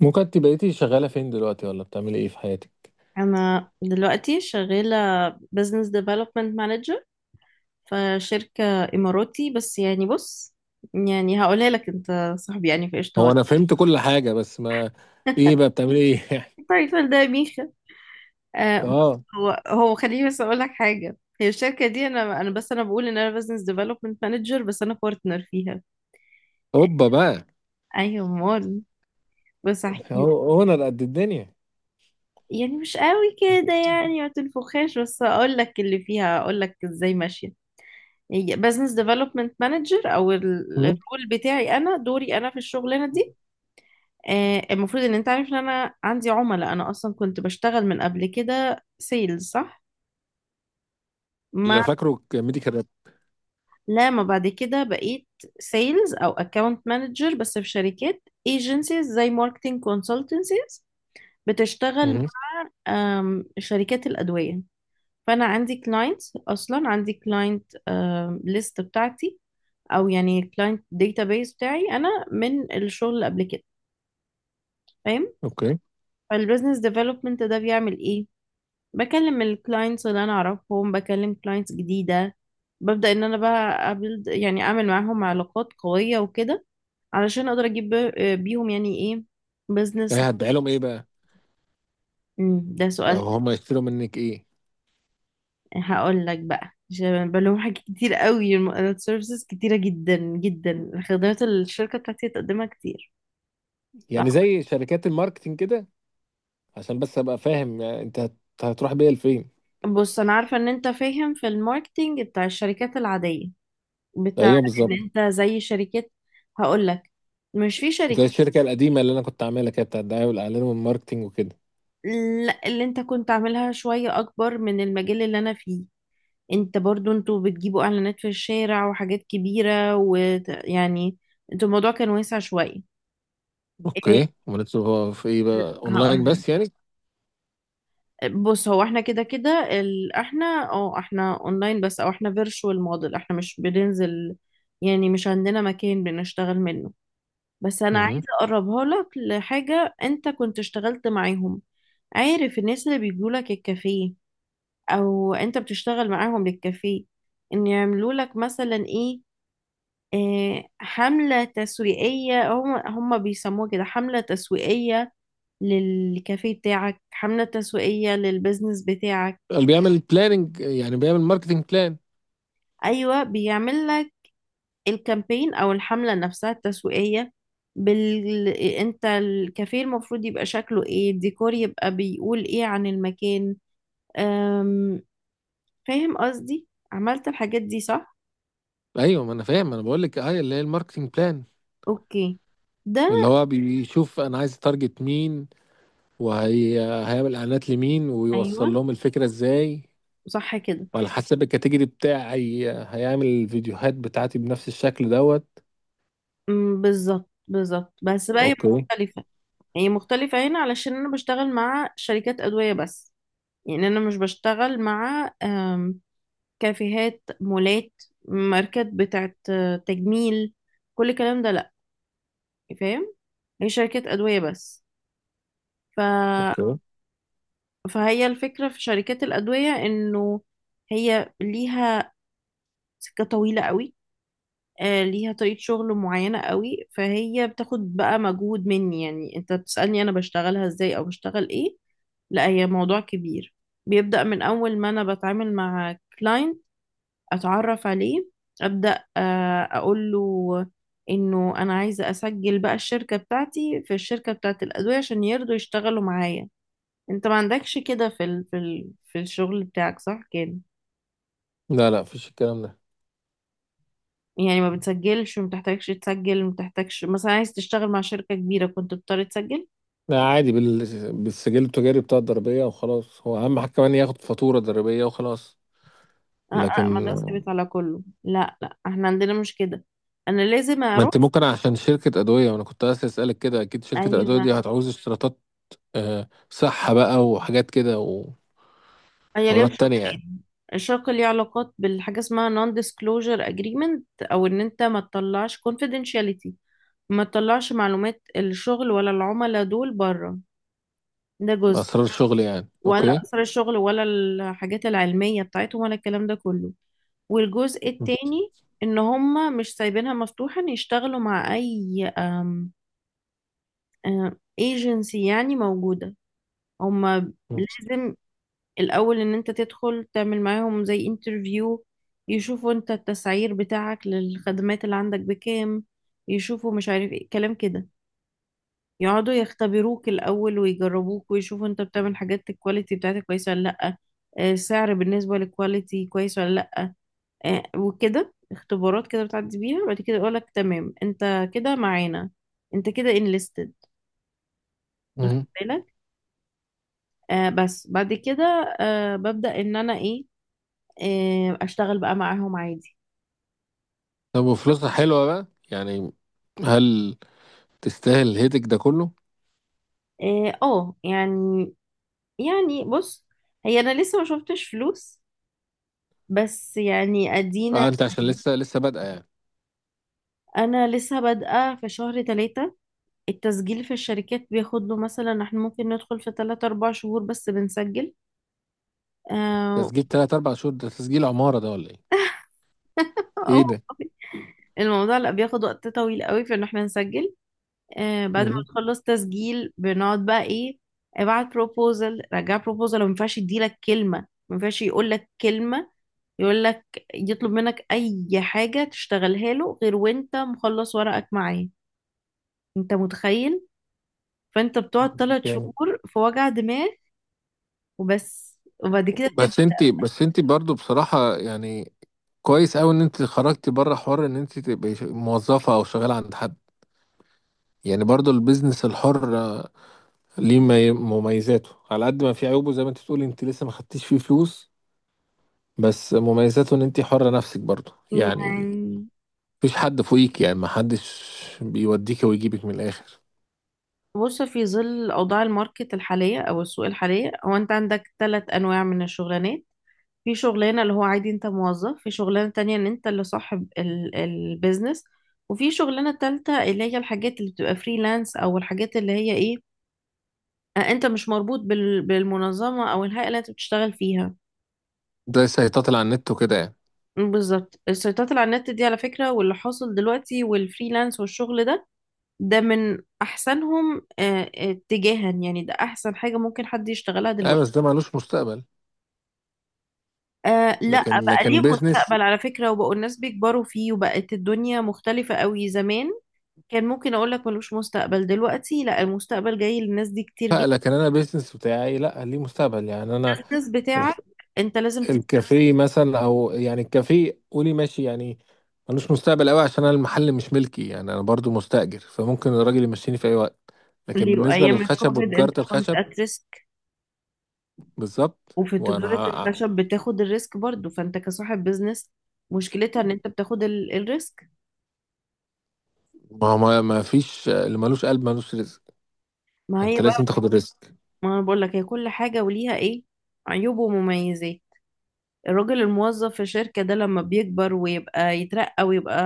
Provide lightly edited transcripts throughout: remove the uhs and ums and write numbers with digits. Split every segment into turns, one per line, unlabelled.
ممكن انت بقيتي شغالة فين دلوقتي ولا بتعملي ايه في حياتك؟
أنا دلوقتي شغالة business development manager في شركة إماراتي. بس يعني بص، يعني هقولها لك، أنت صاحبي يعني في قشطة.
هو انا فهمت كل حاجة، بس ما ايه بقى بتعملي ايه يعني؟
التايتل ده يا ميخا آه، بص،
اه،
هو خليني بس أقول لك حاجة. هي الشركة دي أنا بقول إن أنا business development manager بس أنا partner فيها.
هوبا بقى.
أيوة أمال، بس أحكي لك.
هو انا قد الدنيا.
يعني مش قوي كده، يعني ما تنفخهاش، بس أقول لك اللي فيها، أقول لك إزاي ماشية. بزنس ديفلوبمنت مانجر او
مم.
الرول بتاعي، انا دوري انا في الشغلانه دي. المفروض ان انت عارف ان انا عندي عملاء. انا اصلا كنت بشتغل من قبل كده سيلز، صح؟ مع
اللي فاكره ميديكال راب.
لما بعد كده بقيت سيلز او اكاونت مانجر بس في شركات، ايجنسيز زي ماركتنج كونسلتنسيز بتشتغل.
مم.
شركات الادويه. فانا عندي كلاينت، اصلا عندي كلاينت ليست بتاعتي، او يعني كلاينت داتابيس بتاعي انا من الشغل اللي قبل كده، فاهم؟
اوكي.
فالبزنس ديفلوبمنت ده بيعمل ايه؟ بكلم الكلاينتس اللي انا اعرفهم، بكلم كلاينتس جديده، ببدا ان انا بقى أبلد، يعني اعمل معاهم علاقات قويه وكده علشان اقدر اجيب بيهم يعني ايه، بزنس.
ايه هتبيع لهم ايه بقى،
ده سؤال.
او هم يشتروا منك ايه؟
هقول لك بقى، عشان بلوم حاجات كتير قوي، السيرفيسز كتيره جدا جدا، خدمات الشركه بتاعتي تقدمها كتير.
يعني زي شركات الماركتينج كده، عشان بس ابقى فاهم يعني انت هتروح بيها لفين؟
بص، انا عارفه ان انت فاهم في الماركتينج بتاع الشركات العاديه، بتاع
ايوه
ان
بالظبط،
انت زي شركات. هقول لك، مش في
زي
شركات.
الشركة القديمة اللي انا كنت عاملها كده بتاع الدعاية والاعلان والماركتينج وكده.
لا، اللي انت كنت عاملها شوية اكبر من المجال اللي انا فيه. انت برضو انتوا بتجيبوا اعلانات في الشارع وحاجات كبيرة، ويعني انتوا الموضوع كان واسع شوية. ايه،
اوكي، ومالتش في ايه بقى؟ اونلاين
هقول
بس يعني؟
بص، هو احنا كده كده، ال... احنا اه احنا اونلاين بس، او احنا فيرتشوال موديل، احنا مش بننزل. يعني مش عندنا مكان بنشتغل منه. بس انا
مهم.
عايزه اقربها لك لحاجه انت كنت اشتغلت معاهم. عارف الناس اللي بيجوا لك الكافيه، او انت بتشتغل معاهم للكافيه، ان يعملوا لك مثلا ايه؟ حملة تسويقية. هم بيسموها كده، حملة تسويقية للكافيه بتاعك، حملة تسويقية للبيزنس بتاعك.
اللي بيعمل بلاننج يعني بيعمل ماركتنج بلان.
ايوه، بيعمل لك الكامبين او الحملة نفسها التسويقية، انت الكافيه المفروض يبقى شكله ايه، الديكور يبقى بيقول ايه عن المكان. أم... فاهم قصدي؟ عملت الحاجات دي، صح؟
ايوه، ما انا فاهم، انا بقول لك ايوه اللي هي الماركتنج بلان،
اوكي. ده
اللي هو بيشوف انا عايز تارجت مين، وهيعمل اعلانات لمين
ايوه،
ويوصل لهم الفكره ازاي،
صح كده.
وعلى حسب الكاتيجوري بتاعي هيعمل الفيديوهات بتاعتي بنفس الشكل دوت.
بالظبط بالظبط، بس بقى هي
اوكي.
مختلفة. هي مختلفة هنا علشان انا بشتغل مع شركات ادوية بس. يعني انا مش بشتغل مع كافيهات، مولات، ماركات بتاعت تجميل، كل الكلام ده لا. فاهم؟ هي شركات أدوية بس، ف...
اوكي.
فهي الفكرة في شركات الأدوية إنه هي ليها سكة طويلة قوي. ليها طريقة شغل معينة قوي، فهي بتاخد بقى مجهود مني. يعني أنت بتسألني أنا بشتغلها إزاي أو بشتغل إيه. لا، هي موضوع كبير، بيبدأ من أول ما أنا بتعامل مع كلاينت أتعرف عليه، أبدأ أقول له إنه أنا عايزة أسجل بقى الشركة بتاعتي في الشركة بتاعت الأدوية عشان يرضوا يشتغلوا معايا. انت ما عندكش كده في الشغل بتاعك، صح كده؟
لا، لا، مفيش الكلام ده.
يعني ما بتسجلش وما بتحتاجش تسجل، ما بتحتاجش مثلا عايز تشتغل مع شركة كبيرة كنت بتضطر تسجل.
لا عادي بالسجل التجاري بتاع الضريبيه وخلاص، هو اهم حاجه كمان ياخد فاتوره ضريبيه وخلاص.
اه اه، ما
لكن
ده ثابت على كله. لا لا، احنا عندنا مش كده. انا لازم
ما
اروح.
انت ممكن، عشان شركة أدوية، وأنا كنت عايز أسألك كده، أكيد شركة الأدوية
ايوه،
دي هتعوز اشتراطات، آه، صحة بقى وحاجات كده،
هي ليها
وحوارات تانية يعني.
شقين. الشق ليه علاقات بالحاجة اسمها non disclosure agreement، او ان انت ما تطلعش confidentiality، ما تطلعش معلومات الشغل ولا العملاء دول بره. ده جزء،
أسرار شغل يعني.
ولا
أوكي.
أثر الشغل ولا الحاجات العلمية بتاعتهم ولا الكلام ده كله. والجزء التاني ان هم مش سايبينها مفتوحة ان يشتغلوا مع اي ايجنسي يعني موجودة. هم
مم.
لازم الاول ان انت تدخل تعمل معاهم زي انترفيو. يشوفوا انت التسعير بتاعك للخدمات اللي عندك بكام، يشوفوا مش عارف ايه كلام كده. يقعدوا يختبروك الأول ويجربوك ويشوفوا انت بتعمل حاجات، الكواليتي بتاعتك كويسة ولا لأ، السعر بالنسبة للكواليتي كويس ولا لأ. وكده اختبارات كده بتعدي بيها. بعد كده يقولك تمام، انت كده معانا، انت كده انليستد،
مم.
واخد بالك. بس بعد كده ببدأ ان انا ايه، اشتغل بقى معاهم عادي.
طب وفلوسها حلوة بقى يعني؟ هل تستاهل الهيدك ده كله؟
اه آه، يعني يعني بص، هي انا لسه ما شفتش فلوس، بس يعني ادينا.
أه، أنت عشان لسه لسه بادئة يعني.
انا لسه بادئه في شهر ثلاثة. التسجيل في الشركات بياخد له مثلا احنا ممكن ندخل في 3 4 شهور بس بنسجل. آه
تسجيل 3 4 شهور ده، تسجيل عمارة ده ولا إيه؟
أو-
إيه ده؟
الموضوع، لا، بياخد وقت طويل قوي في ان احنا نسجل. بعد ما
مم.
نخلص تسجيل بنقعد بقى ايه؟ ابعت بروبوزل، رجع بروبوزل، وما ينفعش يديلك كلمة، ما ينفعش يقول لك كلمة، يقول لك، يطلب منك اي حاجة تشتغلها له غير وانت مخلص ورقك معاه. انت متخيل، فانت بتقعد ثلاث
يعني
شهور في وجع دماغ وبس، وبعد كده تبقى.
بس أنت برضو بصراحة، يعني كويس أوي إن أنت خرجتي بره حوار إن أنت تبقي موظفة أو شغالة عند حد، يعني برضو البيزنس الحر ليه مميزاته على قد ما في عيوبه، زي ما انت بتقولي انت لسه ما خدتيش فيه فلوس، بس مميزاته ان انت حرة نفسك برضو يعني،
يعني
مفيش حد فوقيك، يعني ما حدش بيوديك ويجيبك من الاخر.
بص، في ظل اوضاع الماركت الحاليه او السوق الحاليه، هو انت عندك 3 انواع من الشغلانات. في شغلانه اللي هو عادي انت موظف، في شغلانه تانية ان انت اللي صاحب البيزنس، وفي شغلانه تالتة اللي هي الحاجات اللي بتبقى فريلانس، او الحاجات اللي هي ايه، انت مش مربوط بالمنظمه او الهيئه اللي انت بتشتغل فيها.
ده سيطات على النت وكده يعني.
بالظبط، السيطرة على النت دي على فكرة واللي حاصل دلوقتي والفريلانس والشغل ده، ده من احسنهم اتجاها، يعني ده احسن حاجة ممكن حد يشتغلها
اه،
دلوقتي.
بس ده ملوش مستقبل.
آه لا
لكن
بقى، ليه
لكن بيزنس،
مستقبل على فكرة، وبقوا الناس بيكبروا فيه، وبقت الدنيا مختلفة قوي زمان. كان ممكن اقول لك ملوش مستقبل، دلوقتي لا، المستقبل جاي للناس دي كتير
لا،
جدا.
لكن انا بيزنس بتاعي لا ليه مستقبل يعني انا،
الناس بتاعك انت لازم
الكافيه مثلا او يعني الكافيه، قولي ماشي يعني، ملوش مستقبل قوي عشان انا المحل مش ملكي، يعني انا برضو مستأجر، فممكن الراجل يمشيني في اي وقت. لكن
تستقل.
بالنسبة
وايام
للخشب
الكوفيد انت
وتجارة
كنت
الخشب،
at risk.
بالظبط،
وفي تجارة
وانا
الخشب بتاخد الريسك برضو، فانت كصاحب بيزنس مشكلتها ان انت بتاخد الريسك.
ما هو ما فيش اللي ملوش قلب ملوش رزق.
ما هي،
انت لازم تاخد الريسك.
ما انا بقول لك هي كل حاجة وليها ايه، عيوب ومميزات. الراجل الموظف في الشركة ده لما بيكبر ويبقى يترقى ويبقى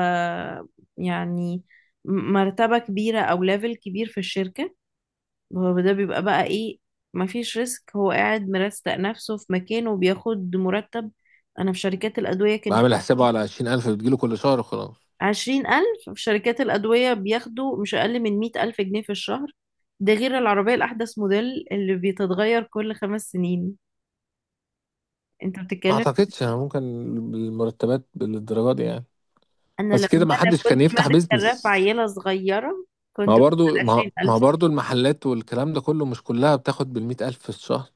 يعني مرتبة كبيرة او ليفل كبير في الشركة، هو ده بيبقى بقى ايه. مفيش ريسك، هو قاعد مرستق نفسه في مكانه وبياخد مرتب. انا في شركات الأدوية كان في
بعمل حسابه على 20,000 بتجيله كل شهر وخلاص.
20,000. في شركات الأدوية بياخدوا مش أقل من 100,000 جنيه في الشهر، ده غير العربية الأحدث موديل اللي بيتتغير كل 5 سنين. انت
ما
بتتكلم.
اعتقدش أنا ممكن المرتبات بالدرجة دي يعني،
انا لما
بس كده ما
انا
حدش كان
كنت
يفتح
مادة الراب
بيزنس.
عيلة صغيرة كنت باخد 20,000.
ما برضو المحلات والكلام ده كله، مش كلها بتاخد بـ100,000 في الشهر.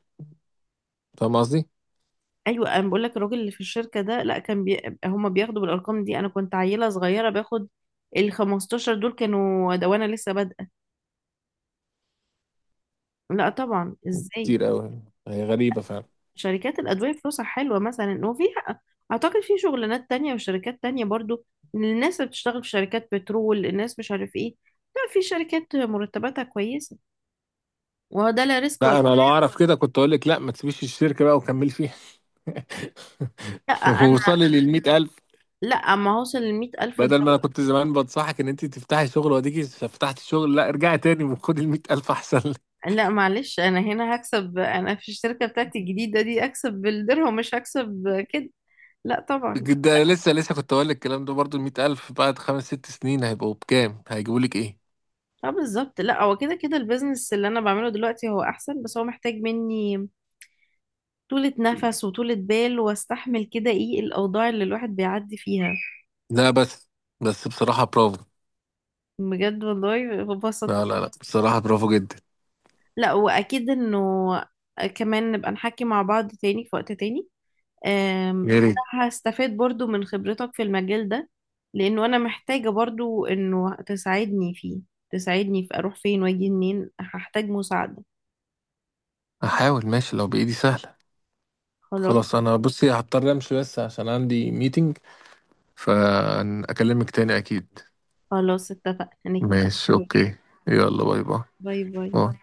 فاهم قصدي؟
ايوه انا بقول لك الراجل اللي في الشركة ده، لا، كان هما بياخدوا بالارقام دي. انا كنت عيلة صغيرة باخد ال 15 دول كانوا ده، وانا لسه بادئة. لا طبعا، ازاي؟
كتير أوي يعني، هي غريبة فعلا.
شركات الادوية فلوسها حلوة مثلا، وفي اعتقد في شغلانات تانية وشركات تانية برضو. الناس اللي بتشتغل في شركات بترول، الناس مش عارف ايه. لا في شركات مرتباتها كويسة، وهو ده لا ريسك ولا.
لا أنا لو أعرف كده كنت أقول لك لا ما تسيبيش الشركة بقى وكمل فيها،
لا انا،
ووصلي لـ100,000،
لا ما هوصل لـ100,000.
بدل ما أنا كنت زمان بنصحك إن أنت تفتحي شغل، وأديكي فتحتي شغل، لا ارجعي تاني وخدي الـ100,000 أحسن.
لا معلش، انا هنا هكسب. انا في الشركه بتاعتي الجديده دي اكسب بالدرهم، مش هكسب كده. لا
لك
طبعا.
ده لسه لسه كنت أقول لك الكلام ده برضو، الـ100,000 بعد 5 6 سنين هيبقوا بكام؟ هيجيبوا لك إيه؟
اه بالظبط، لا هو كده كده البيزنس اللي انا بعمله دلوقتي هو احسن، بس هو محتاج مني طولة نفس وطولة بال واستحمل كده ايه الاوضاع اللي الواحد بيعدي فيها.
لا بس بصراحة برافو.
بجد والله ببسط.
لا، لا، لا، بصراحة برافو جدا.
لا واكيد انه كمان نبقى نحكي مع بعض تاني في وقت تاني. أم،
يا ريت.
أنا هستفاد برضو من خبرتك في المجال ده، لأنه أنا محتاجة برضو إنه تساعدني فيه. تساعدني في أروح فين وأجي منين، هحتاج مساعدة.
احاول، ماشي لو بايدي سهله.
خلاص،
خلاص، انا بصي هضطر امشي بس عشان عندي ميتنج، فاكلمك تاني اكيد.
خلاص اتفقنا هنتكلم.
ماشي، اوكي. يلا، باي باي.
باي باي.
باي.